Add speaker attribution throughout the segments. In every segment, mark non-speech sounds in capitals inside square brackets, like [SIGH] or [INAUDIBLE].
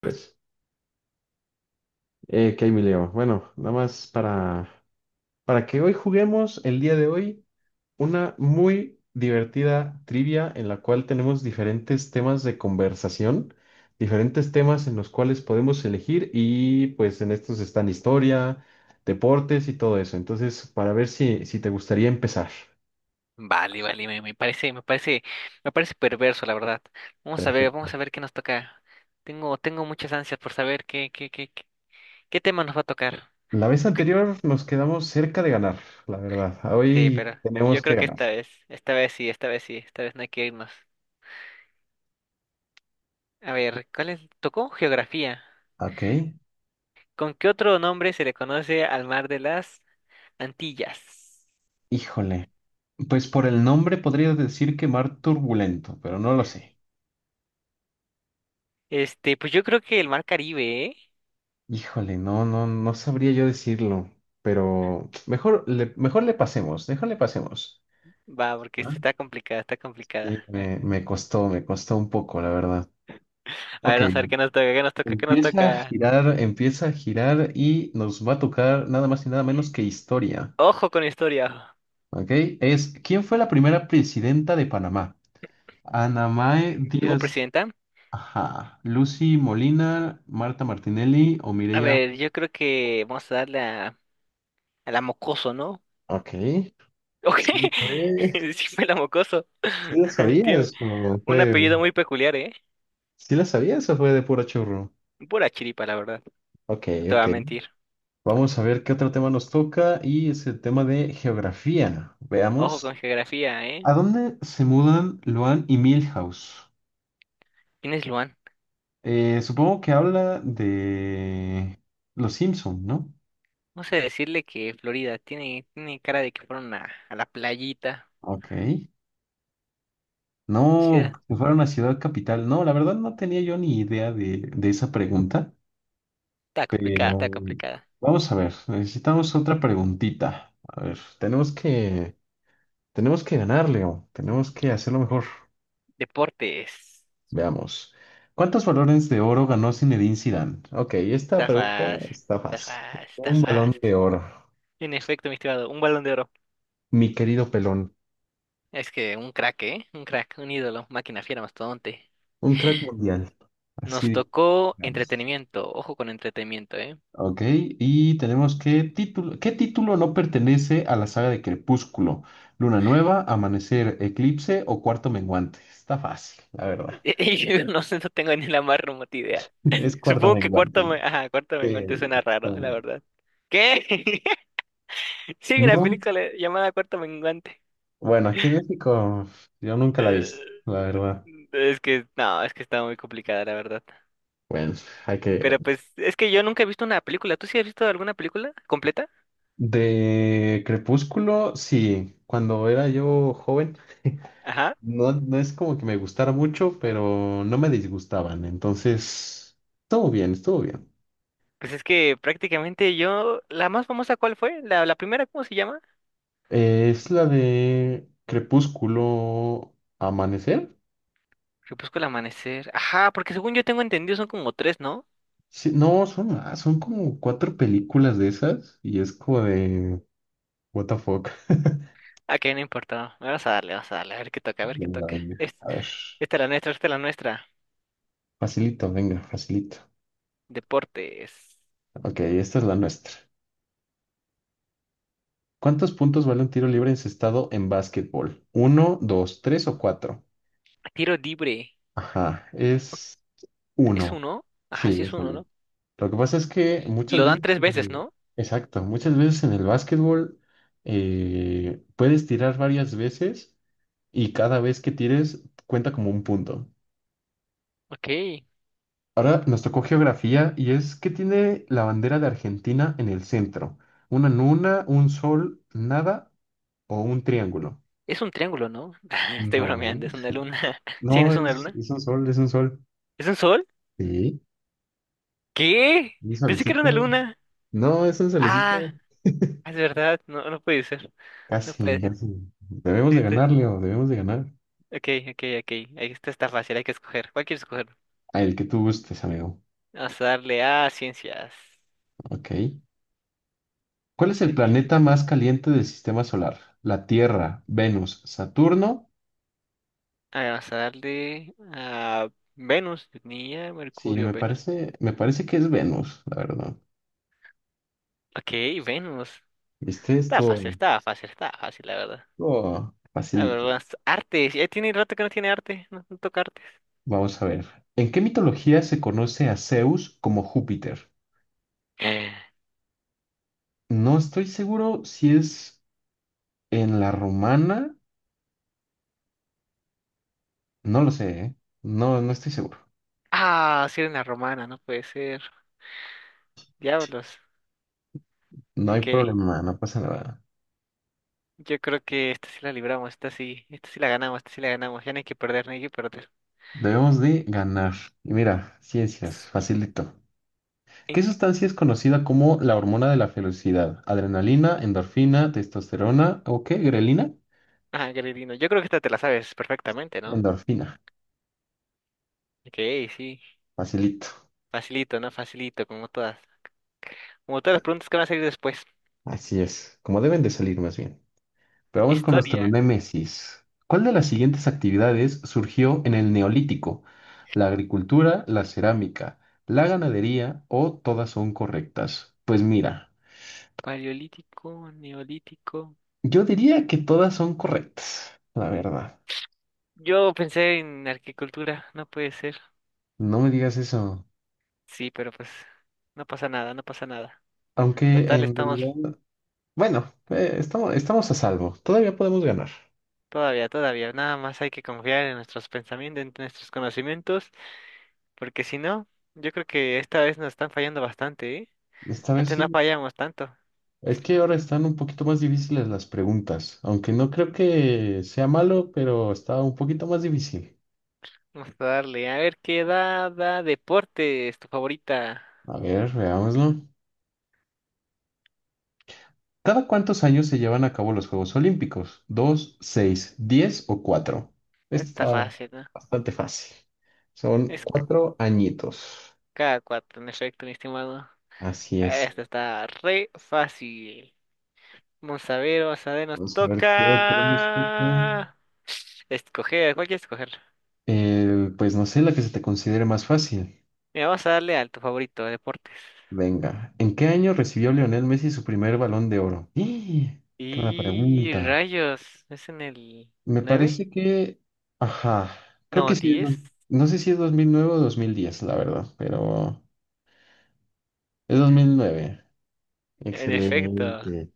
Speaker 1: Pues, ¿qué hay, mi Leo? Bueno, nada más para que hoy juguemos el día de hoy una muy divertida trivia en la cual tenemos diferentes temas de conversación, diferentes temas en los cuales podemos elegir y pues en estos están historia, deportes y todo eso. Entonces, para ver si, te gustaría empezar.
Speaker 2: Vale, vale, me parece perverso, la verdad.
Speaker 1: Perfecto.
Speaker 2: Vamos a ver qué nos toca. Tengo muchas ansias por saber qué tema nos va a tocar.
Speaker 1: La vez
Speaker 2: Yo creo-
Speaker 1: anterior nos quedamos cerca de ganar, la verdad.
Speaker 2: Sí,
Speaker 1: Hoy
Speaker 2: pero yo
Speaker 1: tenemos que
Speaker 2: creo que
Speaker 1: ganar.
Speaker 2: esta vez no hay que irnos. A ver, ¿cuál es? Tocó geografía.
Speaker 1: Ok.
Speaker 2: ¿Con qué otro nombre se le conoce al mar de las Antillas?
Speaker 1: Híjole. Pues por el nombre podría decir que mar turbulento, pero no lo sé.
Speaker 2: Pues yo creo que el mar Caribe, ¿eh?
Speaker 1: Híjole, no, no, no sabría yo decirlo, pero mejor le pasemos, mejor le pasemos.
Speaker 2: Va, porque esta
Speaker 1: ¿Va?
Speaker 2: está complicada.
Speaker 1: Sí,
Speaker 2: A ver,
Speaker 1: me costó un poco, la verdad.
Speaker 2: a ver,
Speaker 1: Ok,
Speaker 2: vamos a ver qué nos toca.
Speaker 1: empieza a girar y nos va a tocar nada más y nada menos que historia.
Speaker 2: Ojo con la historia.
Speaker 1: Ok, es ¿quién fue la primera presidenta de Panamá? ¿Anamae
Speaker 2: ¿Tuvo
Speaker 1: Díaz,
Speaker 2: presidenta?
Speaker 1: ajá, Lucy Molina, Marta Martinelli o
Speaker 2: A
Speaker 1: Mireya?
Speaker 2: ver, yo creo que vamos a a la mocoso, ¿no?
Speaker 1: Ok.
Speaker 2: Ok,
Speaker 1: Sí,
Speaker 2: [LAUGHS]
Speaker 1: fue.
Speaker 2: sí fue la mocoso.
Speaker 1: ¿Sí la
Speaker 2: [LAUGHS] Tiene
Speaker 1: sabías o
Speaker 2: un
Speaker 1: fue?
Speaker 2: apellido muy peculiar, ¿eh?
Speaker 1: ¿Sí la sabías o fue de puro churro?
Speaker 2: Pura chiripa, la verdad.
Speaker 1: Ok,
Speaker 2: No te voy
Speaker 1: ok.
Speaker 2: a mentir.
Speaker 1: Vamos a ver qué otro tema nos toca y es el tema de geografía.
Speaker 2: Ojo con
Speaker 1: Veamos.
Speaker 2: geografía, ¿eh?
Speaker 1: ¿A dónde se mudan Luan y Milhouse?
Speaker 2: ¿Quién es Luan?
Speaker 1: Supongo que habla de Los Simpson, ¿no?
Speaker 2: Vamos a decirle que Florida tiene cara de que fueron a la playita.
Speaker 1: Ok. No,
Speaker 2: Ciudad.
Speaker 1: que fuera una ciudad capital. No, la verdad no tenía yo ni idea de esa pregunta.
Speaker 2: Está
Speaker 1: Pero
Speaker 2: complicada, está complicada.
Speaker 1: vamos a ver, necesitamos otra preguntita. A ver, tenemos que ganar, Leo. Tenemos que hacerlo mejor.
Speaker 2: Deportes.
Speaker 1: Veamos. ¿Cuántos balones de oro ganó Zinedine Zidane? Ok, esta
Speaker 2: Está
Speaker 1: pregunta
Speaker 2: fácil,
Speaker 1: está fácil.
Speaker 2: Está
Speaker 1: Un balón
Speaker 2: fácil.
Speaker 1: de oro,
Speaker 2: En efecto, mi estimado, un balón de oro.
Speaker 1: mi querido pelón,
Speaker 2: Es que un crack, ¿eh? Un crack, un ídolo, máquina fiera, mastodonte.
Speaker 1: un crack mundial.
Speaker 2: Nos
Speaker 1: Así
Speaker 2: tocó
Speaker 1: digamos.
Speaker 2: entretenimiento, ojo con entretenimiento, ¿eh?
Speaker 1: Ok, y tenemos que título, ¿qué título no pertenece a la saga de Crepúsculo? ¿Luna Nueva, Amanecer, Eclipse o Cuarto Menguante? Está fácil, la verdad.
Speaker 2: [LAUGHS] Yo no sé, no tengo ni la más remota idea.
Speaker 1: [LAUGHS] Es Cuarto
Speaker 2: Supongo que
Speaker 1: Menguante.
Speaker 2: Ajá, cuarto
Speaker 1: Eh,
Speaker 2: menguante suena
Speaker 1: está-
Speaker 2: raro, la verdad. ¿Qué? [LAUGHS] Sí, hay una
Speaker 1: No,
Speaker 2: película llamada Cuarto Menguante. [LAUGHS]
Speaker 1: bueno, aquí en México yo nunca la vi, la verdad.
Speaker 2: Es que, no, es que está muy complicada, la verdad.
Speaker 1: Bueno, hay que...
Speaker 2: Pero pues, es que yo nunca he visto una película. ¿Tú sí has visto alguna película completa?
Speaker 1: De Crepúsculo, sí, cuando era yo joven,
Speaker 2: Ajá.
Speaker 1: no, no es como que me gustara mucho, pero no me disgustaban, entonces, estuvo bien, estuvo bien.
Speaker 2: Pues es que prácticamente yo, la más famosa, ¿cuál fue? La primera, ¿cómo se llama?
Speaker 1: Es la de Crepúsculo Amanecer.
Speaker 2: Crepúsculo amanecer. Ajá, porque según yo tengo entendido son como tres, ¿no?
Speaker 1: Sí, no, son más, son como cuatro películas de esas y es como de what the fuck. [LAUGHS]
Speaker 2: Ah, que no importa. Vamos a darle. A ver qué
Speaker 1: Venga,
Speaker 2: toca.
Speaker 1: venga. A ver.
Speaker 2: Esta es la nuestra, esta es la nuestra.
Speaker 1: Facilito, venga, facilito.
Speaker 2: Deportes.
Speaker 1: Ok, esta es la nuestra. ¿Cuántos puntos vale un tiro libre encestado en básquetbol? ¿Uno, dos, tres o cuatro?
Speaker 2: Tiro libre.
Speaker 1: Ajá, es
Speaker 2: ¿Es
Speaker 1: uno.
Speaker 2: uno? Ajá,
Speaker 1: Sí,
Speaker 2: sí es
Speaker 1: es
Speaker 2: uno,
Speaker 1: uno.
Speaker 2: ¿no?
Speaker 1: Lo que pasa es que muchas
Speaker 2: Lo dan
Speaker 1: veces,
Speaker 2: tres veces, ¿no?
Speaker 1: exacto, muchas veces en el básquetbol puedes tirar varias veces y cada vez que tires cuenta como un punto.
Speaker 2: Ok.
Speaker 1: Ahora nos tocó geografía y es que tiene la bandera de Argentina en el centro. ¿Una luna, un sol, nada o un triángulo?
Speaker 2: Es un triángulo, ¿no? [LAUGHS] Estoy
Speaker 1: No,
Speaker 2: bromeando, es una luna. [LAUGHS] ¿Sí,
Speaker 1: no
Speaker 2: es una luna?
Speaker 1: es un sol, es un sol.
Speaker 2: ¿Es un sol?
Speaker 1: Sí,
Speaker 2: ¿Qué?
Speaker 1: un
Speaker 2: Pensé que era una
Speaker 1: solecito.
Speaker 2: luna.
Speaker 1: No, es un
Speaker 2: Ah,
Speaker 1: solecito.
Speaker 2: es verdad. No, no puede ser. No
Speaker 1: Casi,
Speaker 2: puede ser.
Speaker 1: casi. Debemos
Speaker 2: Sí,
Speaker 1: de ganar,
Speaker 2: estoy-
Speaker 1: Leo, debemos de ganar.
Speaker 2: Ok, ok, ok. Esta está fácil, hay que escoger. ¿Cuál quieres escoger?
Speaker 1: Ah, el que tú gustes, amigo.
Speaker 2: Vamos a darle a ciencias.
Speaker 1: Ok. ¿Cuál
Speaker 2: Yo
Speaker 1: es el
Speaker 2: tenía.
Speaker 1: planeta más caliente del sistema solar? ¿La Tierra, Venus, Saturno?
Speaker 2: Ah, vamos a darle a Venus. Yo tenía
Speaker 1: Sí,
Speaker 2: Mercurio, Venus.
Speaker 1: me parece que es Venus, la verdad.
Speaker 2: Ok, Venus.
Speaker 1: ¿Viste esto?
Speaker 2: Está fácil, la verdad.
Speaker 1: Oh,
Speaker 2: A ver,
Speaker 1: facilito.
Speaker 2: más artes. Ya tiene rato que no tiene arte. No, no toca artes.
Speaker 1: Vamos a ver. ¿En qué mitología se conoce a Zeus como Júpiter?
Speaker 2: Eh,
Speaker 1: No estoy seguro si es en la romana. No lo sé, ¿eh? No, no estoy seguro.
Speaker 2: Ah, la romana, no puede ser. Diablos.
Speaker 1: No hay
Speaker 2: Ok.
Speaker 1: problema, no pasa nada.
Speaker 2: Yo creo que esta sí la libramos, esta sí la ganamos. Ya no hay que perder, no hay que perder.
Speaker 1: Debemos de ganar. Y mira, ciencias,
Speaker 2: S-
Speaker 1: facilito.
Speaker 2: en-
Speaker 1: ¿Qué sustancia es conocida como la hormona de la felicidad? ¿Adrenalina, endorfina, testosterona o qué? ¿Grelina?
Speaker 2: Ah, Gredino. Yo creo que esta te la sabes perfectamente, ¿no?
Speaker 1: Endorfina.
Speaker 2: Ok, sí.
Speaker 1: Facilito.
Speaker 2: Facilito, ¿no? Facilito, como todas. Como todas las preguntas que van a salir después.
Speaker 1: Así es, como deben de salir más bien. Pero vamos con nuestro
Speaker 2: Historia.
Speaker 1: némesis. ¿Cuál de las siguientes actividades surgió en el Neolítico? ¿La agricultura, la cerámica, la ganadería o todas son correctas? Pues mira,
Speaker 2: Paleolítico, neolítico.
Speaker 1: yo diría que todas son correctas, la verdad.
Speaker 2: Yo pensé en arquitectura, no puede ser.
Speaker 1: No me digas eso.
Speaker 2: Sí, pero pues no pasa nada, no pasa nada.
Speaker 1: Aunque
Speaker 2: Total,
Speaker 1: en
Speaker 2: estamos
Speaker 1: realidad. Bueno, estamos, a salvo. Todavía podemos ganar.
Speaker 2: todavía, todavía. Nada más hay que confiar en nuestros pensamientos, en nuestros conocimientos, porque si no, yo creo que esta vez nos están fallando bastante, ¿eh?
Speaker 1: Esta vez
Speaker 2: Antes no
Speaker 1: sí.
Speaker 2: fallamos tanto.
Speaker 1: Es que ahora están un poquito más difíciles las preguntas, aunque no creo que sea malo, pero está un poquito más difícil.
Speaker 2: Vamos a darle, a ver qué da, da deporte es tu favorita.
Speaker 1: A ver, veámoslo. ¿Cada cuántos años se llevan a cabo los Juegos Olímpicos? ¿Dos, seis, 10 o cuatro?
Speaker 2: Está
Speaker 1: Está
Speaker 2: fácil, ¿no?
Speaker 1: bastante fácil. Son
Speaker 2: Es
Speaker 1: 4 añitos.
Speaker 2: Cada cuatro, en efecto, mi estimado.
Speaker 1: Así es.
Speaker 2: Esta está re fácil. Nos
Speaker 1: Vamos a ver qué otro nos toca.
Speaker 2: toca escoger. ¿Cuál quieres escoger?
Speaker 1: Pues no sé, la que se te considere más fácil.
Speaker 2: Mira, vamos a darle al tu favorito, deportes.
Speaker 1: Venga, ¿en qué año recibió Lionel Messi su primer balón de oro? ¡Ih! ¡Qué buena
Speaker 2: Y
Speaker 1: pregunta!
Speaker 2: rayos, ¿es en el
Speaker 1: Me
Speaker 2: 9
Speaker 1: parece que... Ajá, creo
Speaker 2: No,
Speaker 1: que sí.
Speaker 2: diez.
Speaker 1: No sé si es 2009 o 2010, la verdad, pero es 2009.
Speaker 2: En efecto.
Speaker 1: Excelente.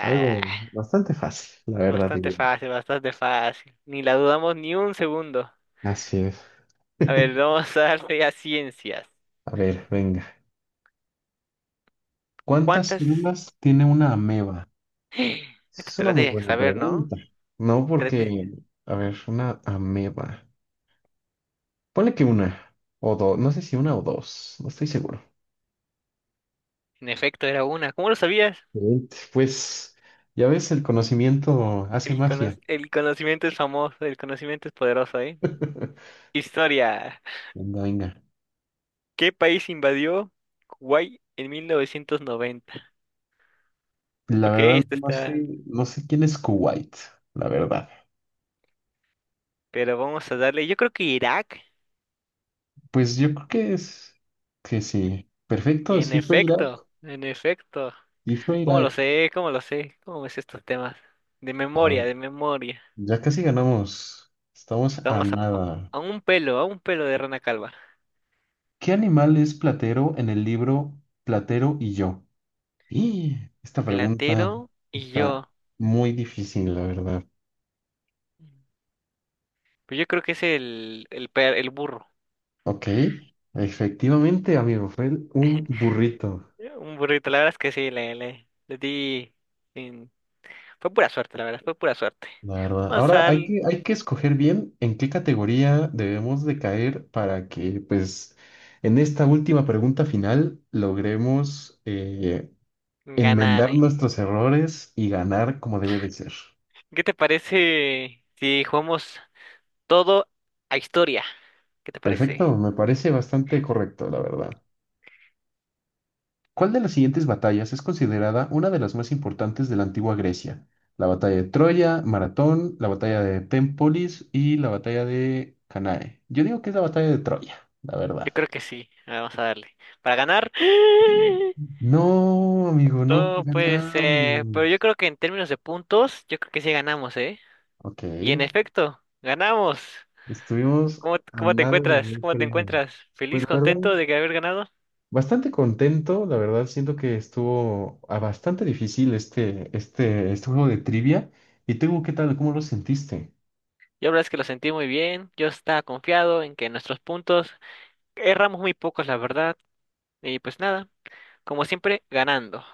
Speaker 1: Algo bastante fácil, la verdad,
Speaker 2: bastante
Speaker 1: diría.
Speaker 2: fácil, bastante fácil. Ni la dudamos ni un segundo.
Speaker 1: Así es.
Speaker 2: A ver,
Speaker 1: [LAUGHS]
Speaker 2: vamos a darle a ciencias.
Speaker 1: A ver, venga. ¿Cuántas
Speaker 2: ¿Cuántas?
Speaker 1: células tiene una ameba?
Speaker 2: [GASPS]
Speaker 1: Esa
Speaker 2: Esta
Speaker 1: es
Speaker 2: te
Speaker 1: una
Speaker 2: la
Speaker 1: muy
Speaker 2: tienes que
Speaker 1: buena
Speaker 2: saber, ¿no?
Speaker 1: pregunta. No
Speaker 2: Te la tienes
Speaker 1: porque, a ver, una ameba. Ponle que una o dos, no sé si una o dos, no estoy seguro.
Speaker 2: En efecto, era una. ¿Cómo lo sabías?
Speaker 1: Excelente. Pues ya ves, el conocimiento hace magia.
Speaker 2: El conocimiento es famoso, el conocimiento es poderoso, ¿eh?
Speaker 1: [LAUGHS]
Speaker 2: Historia.
Speaker 1: Venga, venga.
Speaker 2: ¿Qué país invadió Kuwait en 1990?
Speaker 1: La
Speaker 2: Ok,
Speaker 1: verdad,
Speaker 2: este
Speaker 1: no
Speaker 2: está...
Speaker 1: sé, no sé quién es Kuwait, la verdad.
Speaker 2: Pero vamos a darle... Yo creo que Irak.
Speaker 1: Pues yo creo que es que sí.
Speaker 2: Y
Speaker 1: Perfecto,
Speaker 2: en
Speaker 1: sí fue Irak,
Speaker 2: efecto, en efecto.
Speaker 1: sí fue
Speaker 2: ¿Cómo lo
Speaker 1: Irak.
Speaker 2: sé? ¿Cómo lo sé? ¿Cómo ves estos temas? De
Speaker 1: Ah,
Speaker 2: memoria, de memoria.
Speaker 1: ya casi ganamos. Estamos a
Speaker 2: Vamos a... po-
Speaker 1: nada.
Speaker 2: A un pelo de rana calva.
Speaker 1: ¿Qué animal es Platero en el libro Platero y yo? Y esta pregunta
Speaker 2: Platero y
Speaker 1: está
Speaker 2: yo.
Speaker 1: muy difícil, la verdad.
Speaker 2: Pues yo creo que es el burro.
Speaker 1: Ok, efectivamente, amigo, fue un burrito,
Speaker 2: Un burrito, la verdad es que sí, le di. sin- Fue pura suerte, la verdad, fue pura suerte.
Speaker 1: la verdad.
Speaker 2: Vamos
Speaker 1: Ahora
Speaker 2: a
Speaker 1: hay
Speaker 2: al-
Speaker 1: que, escoger bien en qué categoría debemos de caer para que, pues, en esta última pregunta final logremos
Speaker 2: Ganar,
Speaker 1: enmendar
Speaker 2: ¿eh?
Speaker 1: nuestros errores y ganar como debe de ser.
Speaker 2: ¿Qué te parece si jugamos todo a historia? ¿Qué te
Speaker 1: Perfecto,
Speaker 2: parece?
Speaker 1: me parece bastante correcto, la verdad. ¿Cuál de las siguientes batallas es considerada una de las más importantes de la antigua Grecia? ¿La batalla de Troya, Maratón, la batalla de Tempolis y la batalla de Canae? Yo digo que es la batalla de Troya, la
Speaker 2: Yo
Speaker 1: verdad.
Speaker 2: creo que sí, a ver, vamos a darle. Para ganar, [GASPS]
Speaker 1: No, amigo, no
Speaker 2: todo pues, pero yo
Speaker 1: ganamos.
Speaker 2: creo que en términos de puntos, yo creo que sí ganamos, ¿eh?
Speaker 1: Ok,
Speaker 2: Y en efecto, ganamos.
Speaker 1: estuvimos
Speaker 2: ¿Cómo,
Speaker 1: a
Speaker 2: cómo te
Speaker 1: nada de
Speaker 2: encuentras?
Speaker 1: haber
Speaker 2: ¿Cómo te
Speaker 1: peleado.
Speaker 2: encuentras?
Speaker 1: Pues
Speaker 2: ¿Feliz,
Speaker 1: la
Speaker 2: contento
Speaker 1: verdad,
Speaker 2: de que haber ganado?
Speaker 1: bastante contento, la verdad, siento que estuvo bastante difícil este juego de trivia. ¿Y tú qué tal? ¿Cómo lo sentiste?
Speaker 2: Yo la verdad es que lo sentí muy bien, yo estaba confiado en que nuestros puntos erramos muy pocos, la verdad, y pues nada, como siempre, ganando.